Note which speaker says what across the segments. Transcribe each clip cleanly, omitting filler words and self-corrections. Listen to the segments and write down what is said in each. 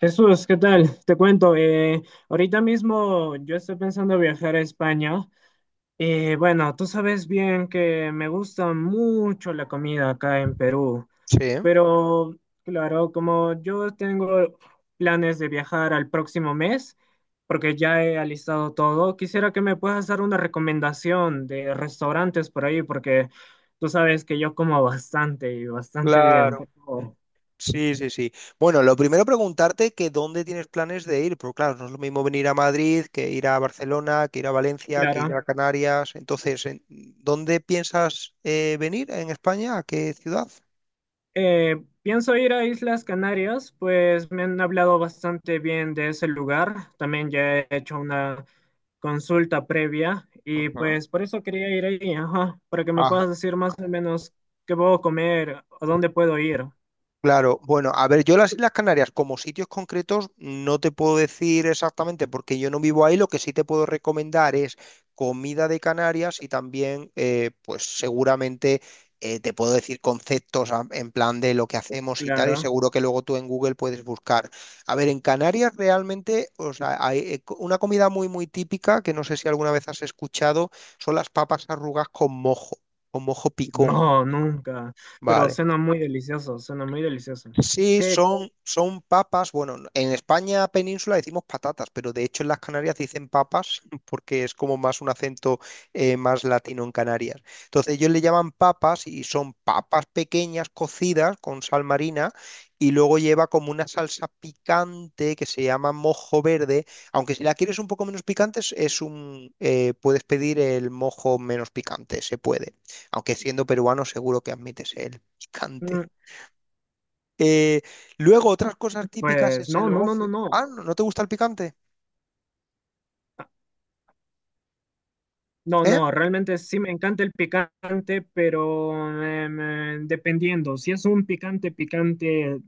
Speaker 1: Jesús, ¿qué tal? Te cuento, ahorita mismo yo estoy pensando viajar a España. Y bueno, tú sabes bien que me gusta mucho la comida acá en Perú,
Speaker 2: Sí,
Speaker 1: pero claro, como yo tengo planes de viajar al próximo mes, porque ya he alistado todo, quisiera que me puedas dar una recomendación de restaurantes por ahí, porque tú sabes que yo como bastante y bastante bien, por
Speaker 2: claro.
Speaker 1: favor.
Speaker 2: Sí, sí, sí. Bueno, lo primero preguntarte que dónde tienes planes de ir, porque claro, no es lo mismo venir a Madrid que ir a Barcelona, que ir a Valencia, que ir
Speaker 1: Claro.
Speaker 2: a Canarias. Entonces, ¿dónde piensas venir en España? ¿A qué ciudad?
Speaker 1: Pienso ir a Islas Canarias, pues me han hablado bastante bien de ese lugar. También ya he hecho una consulta previa y pues por eso quería ir ahí, ajá, para que me
Speaker 2: Ajá.
Speaker 1: puedas decir más o menos qué puedo comer, a dónde puedo ir.
Speaker 2: Claro, bueno, a ver, yo las Islas Canarias como sitios concretos no te puedo decir exactamente porque yo no vivo ahí, lo que sí te puedo recomendar es comida de Canarias y también, pues seguramente te puedo decir conceptos en plan de lo que hacemos y tal, y
Speaker 1: Claro.
Speaker 2: seguro que luego tú en Google puedes buscar. A ver, en Canarias realmente, o sea, hay una comida muy, muy típica que no sé si alguna vez has escuchado, son las papas arrugas con mojo picón,
Speaker 1: No, nunca, pero
Speaker 2: ¿vale?
Speaker 1: suena muy delicioso, suena muy delicioso.
Speaker 2: Sí,
Speaker 1: ¿Qué?
Speaker 2: son, son papas. Bueno, en España península decimos patatas, pero de hecho en las Canarias dicen papas porque es como más un acento más latino en Canarias. Entonces ellos le llaman papas y son papas pequeñas cocidas con sal marina y luego lleva como una salsa picante que se llama mojo verde. Aunque si la quieres un poco menos picante, es un, puedes pedir el mojo menos picante, se puede. Aunque siendo peruano seguro que admites el
Speaker 1: Mm.
Speaker 2: picante. Eh, luego, otras cosas típicas
Speaker 1: Pues
Speaker 2: es
Speaker 1: no,
Speaker 2: el
Speaker 1: no, no, no,
Speaker 2: gofio.
Speaker 1: no.
Speaker 2: Ah, ¿no te gusta el picante?
Speaker 1: No,
Speaker 2: ¿Eh?
Speaker 1: no, realmente sí me encanta el picante, pero dependiendo, si es un picante picante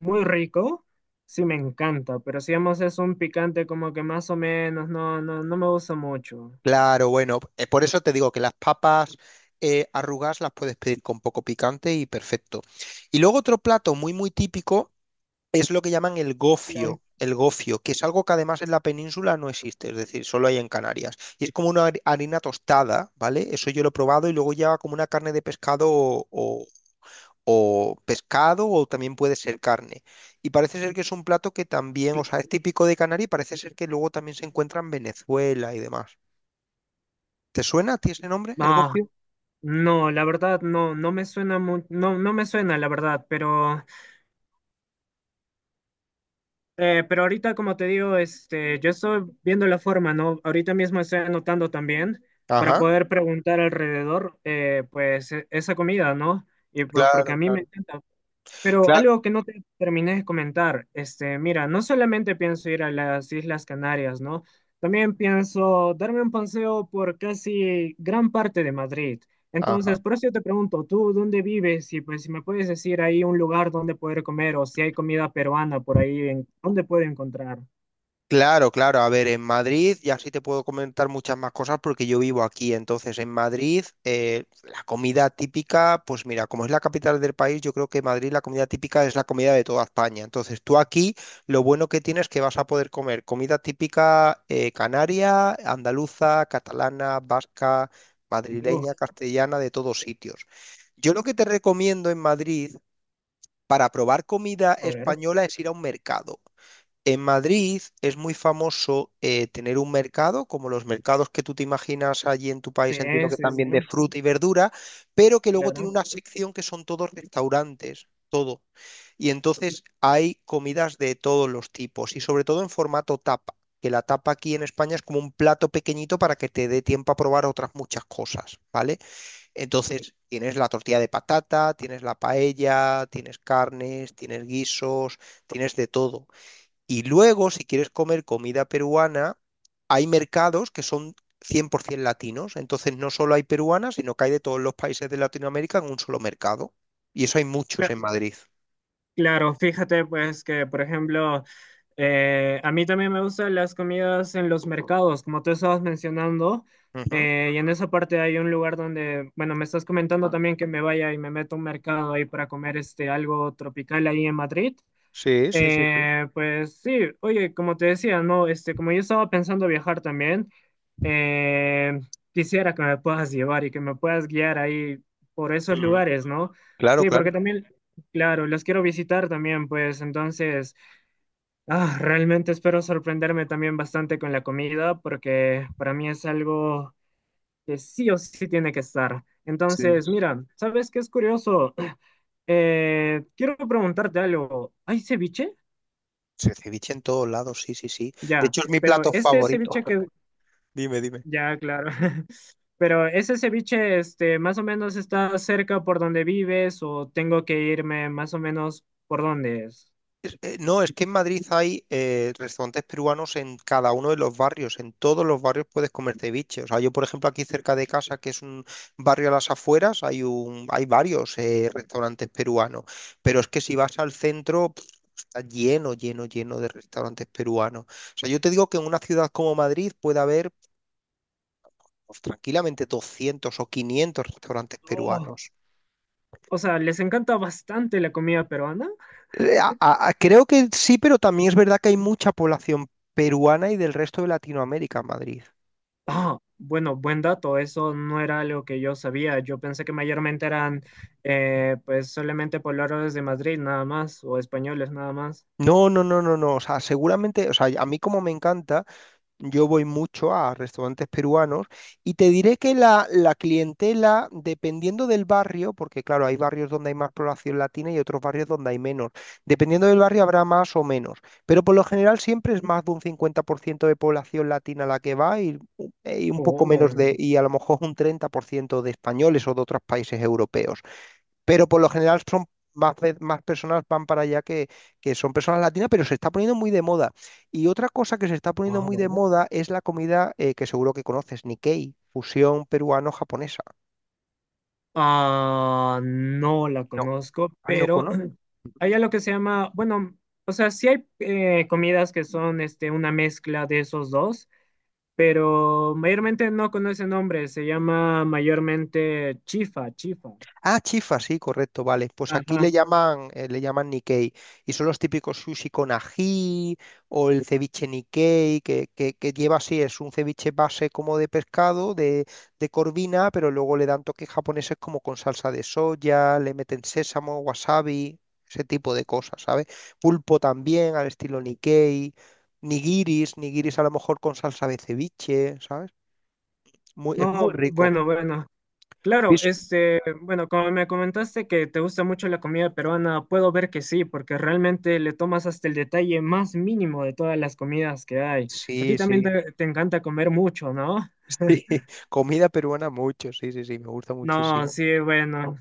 Speaker 1: muy rico, sí me encanta, pero si digamos es un picante como que más o menos, no, no, no me gusta mucho.
Speaker 2: Claro, bueno, por eso te digo que las papas arrugadas las puedes pedir con poco picante y perfecto. Y luego otro plato muy, muy típico es lo que llaman el
Speaker 1: Claro.
Speaker 2: gofio. El gofio, que es algo que además en la península no existe, es decir, solo hay en Canarias. Y es como una harina tostada, ¿vale? Eso yo lo he probado y luego lleva como una carne de pescado o, o pescado o también puede ser carne. Y parece ser que es un plato que también, o
Speaker 1: Cl-
Speaker 2: sea, es típico de Canarias y parece ser que luego también se encuentra en Venezuela y demás. ¿Te suena a ti ese nombre, el
Speaker 1: Ah,
Speaker 2: gofio?
Speaker 1: no, la verdad no, no, no me suena la verdad, pero ahorita, como te digo, este, yo estoy viendo la forma, ¿no? Ahorita mismo estoy anotando también para
Speaker 2: Ajá,
Speaker 1: poder preguntar alrededor, pues, esa comida, ¿no? Y porque
Speaker 2: claro,
Speaker 1: a mí me
Speaker 2: claro,
Speaker 1: encanta. Pero
Speaker 2: claro.
Speaker 1: algo que no te terminé de comentar, este, mira, no solamente pienso ir a las Islas Canarias, ¿no? También pienso darme un paseo por casi gran parte de Madrid.
Speaker 2: Ajá.
Speaker 1: Entonces, por eso yo te pregunto, ¿tú dónde vives? Y pues si me puedes decir ahí un lugar donde poder comer o si hay comida peruana por ahí, en, ¿dónde puedo encontrar?
Speaker 2: Claro, claro. A ver, en Madrid, y así te puedo comentar muchas más cosas porque yo vivo aquí. Entonces, en Madrid, la comida típica, pues mira, como es la capital del país, yo creo que Madrid la comida típica es la comida de toda España. Entonces, tú aquí lo bueno que tienes es que vas a poder comer comida típica canaria, andaluza, catalana, vasca,
Speaker 1: Uf,
Speaker 2: madrileña, castellana, de todos sitios. Yo lo que te recomiendo en Madrid para probar comida
Speaker 1: a ver.
Speaker 2: española es ir a un mercado. En Madrid es muy famoso tener un mercado, como los mercados que tú te imaginas allí en tu
Speaker 1: Sí,
Speaker 2: país, entiendo que
Speaker 1: sí, sí,
Speaker 2: también de fruta y verdura, pero que luego tiene
Speaker 1: claro.
Speaker 2: una sección que son todos restaurantes, todo. Y entonces hay comidas de todos los tipos y sobre todo en formato tapa, que la tapa aquí en España es como un plato pequeñito para que te dé tiempo a probar otras muchas cosas, ¿vale? Entonces tienes la tortilla de patata, tienes la paella, tienes carnes, tienes guisos, tienes de todo. Y luego, si quieres comer comida peruana, hay mercados que son 100% latinos. Entonces, no solo hay peruanas, sino que hay de todos los países de Latinoamérica en un solo mercado. Y eso hay muchos en Madrid.
Speaker 1: Claro, fíjate pues que, por ejemplo, a mí también me gustan las comidas en los mercados, como tú estabas mencionando,
Speaker 2: Ujú.
Speaker 1: y en esa parte hay un lugar donde, bueno, me estás comentando también que me vaya y me meto a un mercado ahí para comer este algo tropical ahí en Madrid.
Speaker 2: Sí, sí, sí, sí.
Speaker 1: Pues sí, oye, como te decía, no, este, como yo estaba pensando viajar también, eh, quisiera que me puedas llevar y que me puedas guiar ahí por esos
Speaker 2: Ujú.
Speaker 1: lugares, ¿no?
Speaker 2: Claro,
Speaker 1: Sí,
Speaker 2: claro.
Speaker 1: porque también, claro, los quiero visitar también, pues entonces, ah, realmente espero sorprenderme también bastante con la comida, porque para mí es algo que sí o sí tiene que estar.
Speaker 2: Sí,
Speaker 1: Entonces,
Speaker 2: sí.
Speaker 1: mira, ¿sabes qué es curioso? Quiero preguntarte algo. ¿Hay ceviche?
Speaker 2: Sí, ceviche en todos lados, sí, sí, sí. De
Speaker 1: Ya,
Speaker 2: hecho, es mi
Speaker 1: pero
Speaker 2: plato
Speaker 1: este
Speaker 2: favorito.
Speaker 1: ceviche que,
Speaker 2: Dime, dime.
Speaker 1: ya, claro, pero ese ceviche, este, más o menos está cerca por donde vives o tengo que irme más o menos por dónde es.
Speaker 2: No, es que en Madrid hay restaurantes peruanos en cada uno de los barrios. En todos los barrios puedes comer ceviche. O sea, yo, por ejemplo, aquí cerca de casa, que es un barrio a las afueras, hay un, hay varios restaurantes peruanos. Pero es que si vas al centro, pf, está lleno, lleno, lleno de restaurantes peruanos. O sea, yo te digo que en una ciudad como Madrid puede haber pues, tranquilamente 200 o 500 restaurantes
Speaker 1: Oh,
Speaker 2: peruanos.
Speaker 1: o sea, les encanta bastante la comida peruana.
Speaker 2: Creo que sí, pero también es verdad que hay mucha población peruana y del resto de Latinoamérica en Madrid.
Speaker 1: Ah, bueno, buen dato, eso no era algo que yo sabía. Yo pensé que mayormente eran, pues, solamente pobladores de Madrid nada más o españoles nada más.
Speaker 2: No, no, no, no, no. O sea, seguramente, o sea, a mí como me encanta. Yo voy mucho a restaurantes peruanos y te diré que la clientela, dependiendo del barrio, porque claro, hay barrios donde hay más población latina y otros barrios donde hay menos. Dependiendo del barrio habrá más o menos, pero por lo general siempre es más de un 50% de población latina la que va y un poco
Speaker 1: Oh,
Speaker 2: menos de, y a lo mejor un 30% de españoles o de otros países europeos, pero por lo general son más, más personas van para allá que son personas latinas, pero se está poniendo muy de moda. Y otra cosa que se está poniendo
Speaker 1: ah,
Speaker 2: muy de
Speaker 1: ¿verdad?
Speaker 2: moda es la comida que seguro que conoces, Nikkei, fusión peruano-japonesa.
Speaker 1: Ah, no la
Speaker 2: No,
Speaker 1: conozco,
Speaker 2: ah, no.
Speaker 1: pero hay algo que se llama, bueno, o sea, sí hay comidas que son este, una mezcla de esos dos, pero mayormente no con ese nombre, se llama mayormente chifa, chifa.
Speaker 2: Ah, chifa, sí, correcto, vale. Pues aquí
Speaker 1: Ajá.
Speaker 2: le llaman Nikkei. Y son los típicos sushi con ají o el ceviche Nikkei, que lleva así, es un ceviche base como de pescado, de corvina, pero luego le dan toques japoneses como con salsa de soya, le meten sésamo, wasabi, ese tipo de cosas, ¿sabes? Pulpo también al estilo Nikkei, nigiris, nigiris a lo mejor con salsa de ceviche, ¿sabes? Muy, es muy
Speaker 1: No,
Speaker 2: rico.
Speaker 1: bueno, bueno. Claro,
Speaker 2: Vis-
Speaker 1: este, bueno, como me comentaste que te gusta mucho la comida peruana, puedo ver que sí, porque realmente le tomas hasta el detalle más mínimo de todas las comidas que hay. A ti
Speaker 2: Sí,
Speaker 1: también
Speaker 2: sí.
Speaker 1: te encanta comer mucho, ¿no?
Speaker 2: Sí, comida peruana mucho, sí, sí, sí, me gusta
Speaker 1: No,
Speaker 2: muchísimo.
Speaker 1: sí, bueno,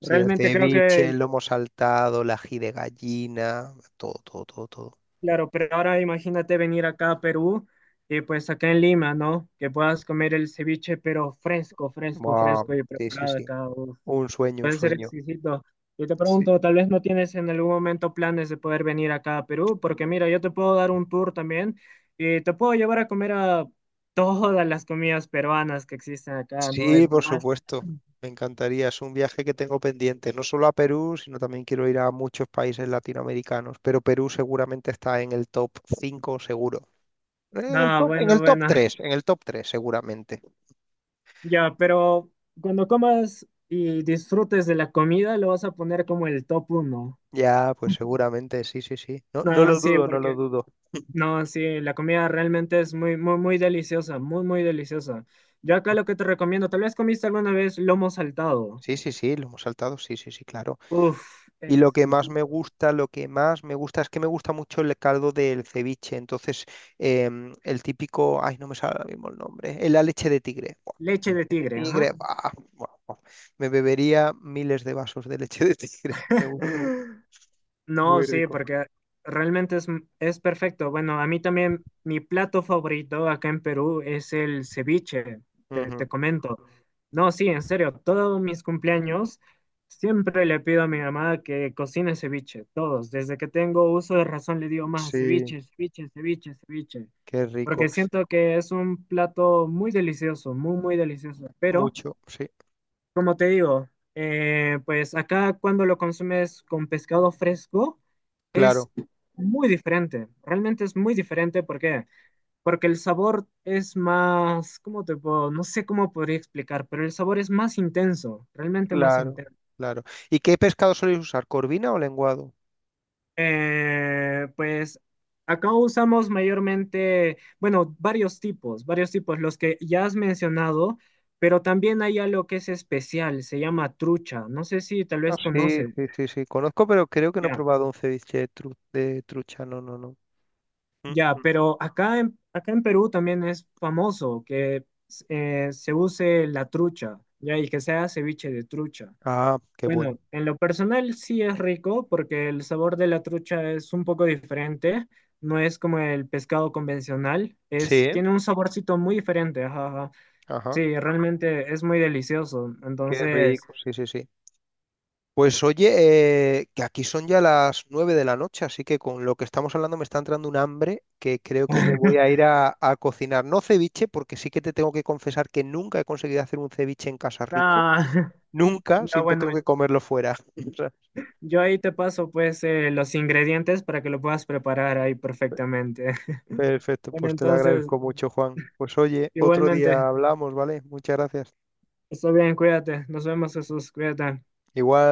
Speaker 2: Sí, el
Speaker 1: realmente creo
Speaker 2: ceviche, el
Speaker 1: que,
Speaker 2: lomo saltado, el ají de gallina, todo, todo, todo, todo.
Speaker 1: claro, pero ahora imagínate venir acá a Perú y pues acá en Lima, ¿no? Que puedas comer el ceviche, pero fresco, fresco,
Speaker 2: Buah.
Speaker 1: fresco y
Speaker 2: Sí, sí,
Speaker 1: preparado
Speaker 2: sí.
Speaker 1: acá. Uf,
Speaker 2: Un sueño, un
Speaker 1: puede ser
Speaker 2: sueño.
Speaker 1: exquisito. Yo te
Speaker 2: Sí.
Speaker 1: pregunto, tal vez no tienes en algún momento planes de poder venir acá a Perú, porque mira, yo te puedo dar un tour también y te puedo llevar a comer a todas las comidas peruanas que existen acá, ¿no? Hay
Speaker 2: Sí, por
Speaker 1: bastante.
Speaker 2: supuesto. Me encantaría. Es un viaje que tengo pendiente, no solo a Perú, sino también quiero ir a muchos países latinoamericanos, pero Perú seguramente está en el top 5, seguro.
Speaker 1: No,
Speaker 2: En
Speaker 1: bueno,
Speaker 2: el top
Speaker 1: bueno.
Speaker 2: 3, en el top 3, seguramente.
Speaker 1: Ya, pero cuando comas y disfrutes de la comida, lo vas a poner como el top uno.
Speaker 2: Ya, pues seguramente, sí, sí, sí. No, no
Speaker 1: No,
Speaker 2: lo
Speaker 1: sí,
Speaker 2: dudo, no lo
Speaker 1: porque
Speaker 2: dudo.
Speaker 1: no, sí, la comida realmente es muy, muy, muy deliciosa, muy, muy deliciosa. Yo acá lo que te recomiendo, tal vez comiste alguna vez lomo saltado.
Speaker 2: Sí, sí, sí, lo hemos saltado, sí, sí, sí, claro.
Speaker 1: Uf,
Speaker 2: Y lo que más me
Speaker 1: exquisito.
Speaker 2: gusta, lo que más me gusta es que me gusta mucho el caldo del ceviche. Entonces, el típico, ay, no me sale ahora mismo el nombre, la leche de tigre. Buah,
Speaker 1: Leche de
Speaker 2: leche de
Speaker 1: tigre,
Speaker 2: tigre,
Speaker 1: ajá.
Speaker 2: buah, buah, buah. Me bebería miles de vasos de leche de tigre.
Speaker 1: No,
Speaker 2: Muy
Speaker 1: sí,
Speaker 2: rico.
Speaker 1: porque realmente es perfecto. Bueno, a mí también mi plato favorito acá en Perú es el ceviche, te
Speaker 2: Ujú.
Speaker 1: comento. No, sí, en serio, todos mis cumpleaños siempre le pido a mi mamá que cocine ceviche, todos. Desde que tengo uso de razón le digo más
Speaker 2: Sí,
Speaker 1: ceviche, ceviche, ceviche, ceviche,
Speaker 2: qué rico.
Speaker 1: porque siento que es un plato muy delicioso, muy, muy delicioso, pero...
Speaker 2: Mucho, sí,
Speaker 1: Como te digo, pues acá cuando lo consumes con pescado fresco
Speaker 2: claro,
Speaker 1: es muy diferente, realmente es muy diferente, ¿por qué? Porque el sabor es más, ¿cómo te puedo? No sé cómo podría explicar, pero el sabor es más intenso, realmente más
Speaker 2: claro,
Speaker 1: intenso.
Speaker 2: claro. ¿Y qué pescado soléis usar, corvina o lenguado?
Speaker 1: Pues acá usamos mayormente, bueno, varios tipos, los que ya has mencionado, pero también hay algo que es especial, se llama trucha, no sé si tal vez
Speaker 2: Sí,
Speaker 1: conoces.
Speaker 2: sí, sí, sí. Conozco, pero creo que no he
Speaker 1: Ya.
Speaker 2: probado un ceviche de trucha. No, no, no. Mm,
Speaker 1: Ya,
Speaker 2: mm.
Speaker 1: pero acá en, acá en Perú también es famoso que se use la trucha, ya, y que sea ceviche de trucha.
Speaker 2: Ah, qué
Speaker 1: Bueno,
Speaker 2: bueno.
Speaker 1: en lo personal sí es rico porque el sabor de la trucha es un poco diferente, no es como el pescado convencional,
Speaker 2: Sí,
Speaker 1: es,
Speaker 2: ¿eh?
Speaker 1: tiene un saborcito muy diferente, ajá, ajá.
Speaker 2: Ajá.
Speaker 1: Sí, realmente es muy delicioso.
Speaker 2: Qué
Speaker 1: Entonces,
Speaker 2: rico. Sí, sí, sí. Pues oye, que aquí son ya las 9 de la noche, así que con lo que estamos hablando me está entrando un hambre que creo que me voy a ir a cocinar. No ceviche, porque sí que te tengo que confesar que nunca he conseguido hacer un ceviche en casa rico.
Speaker 1: ah,
Speaker 2: Nunca,
Speaker 1: ya
Speaker 2: siempre
Speaker 1: bueno,
Speaker 2: tengo que comerlo fuera. O sea,
Speaker 1: yo ahí te paso pues los ingredientes para que lo puedas preparar ahí perfectamente.
Speaker 2: perfecto,
Speaker 1: Bueno,
Speaker 2: pues te lo
Speaker 1: entonces,
Speaker 2: agradezco mucho, Juan. Pues oye, otro día
Speaker 1: igualmente,
Speaker 2: hablamos, ¿vale? Muchas gracias.
Speaker 1: está bien, cuídate. Nos vemos, Jesús, cuídate.
Speaker 2: Igual.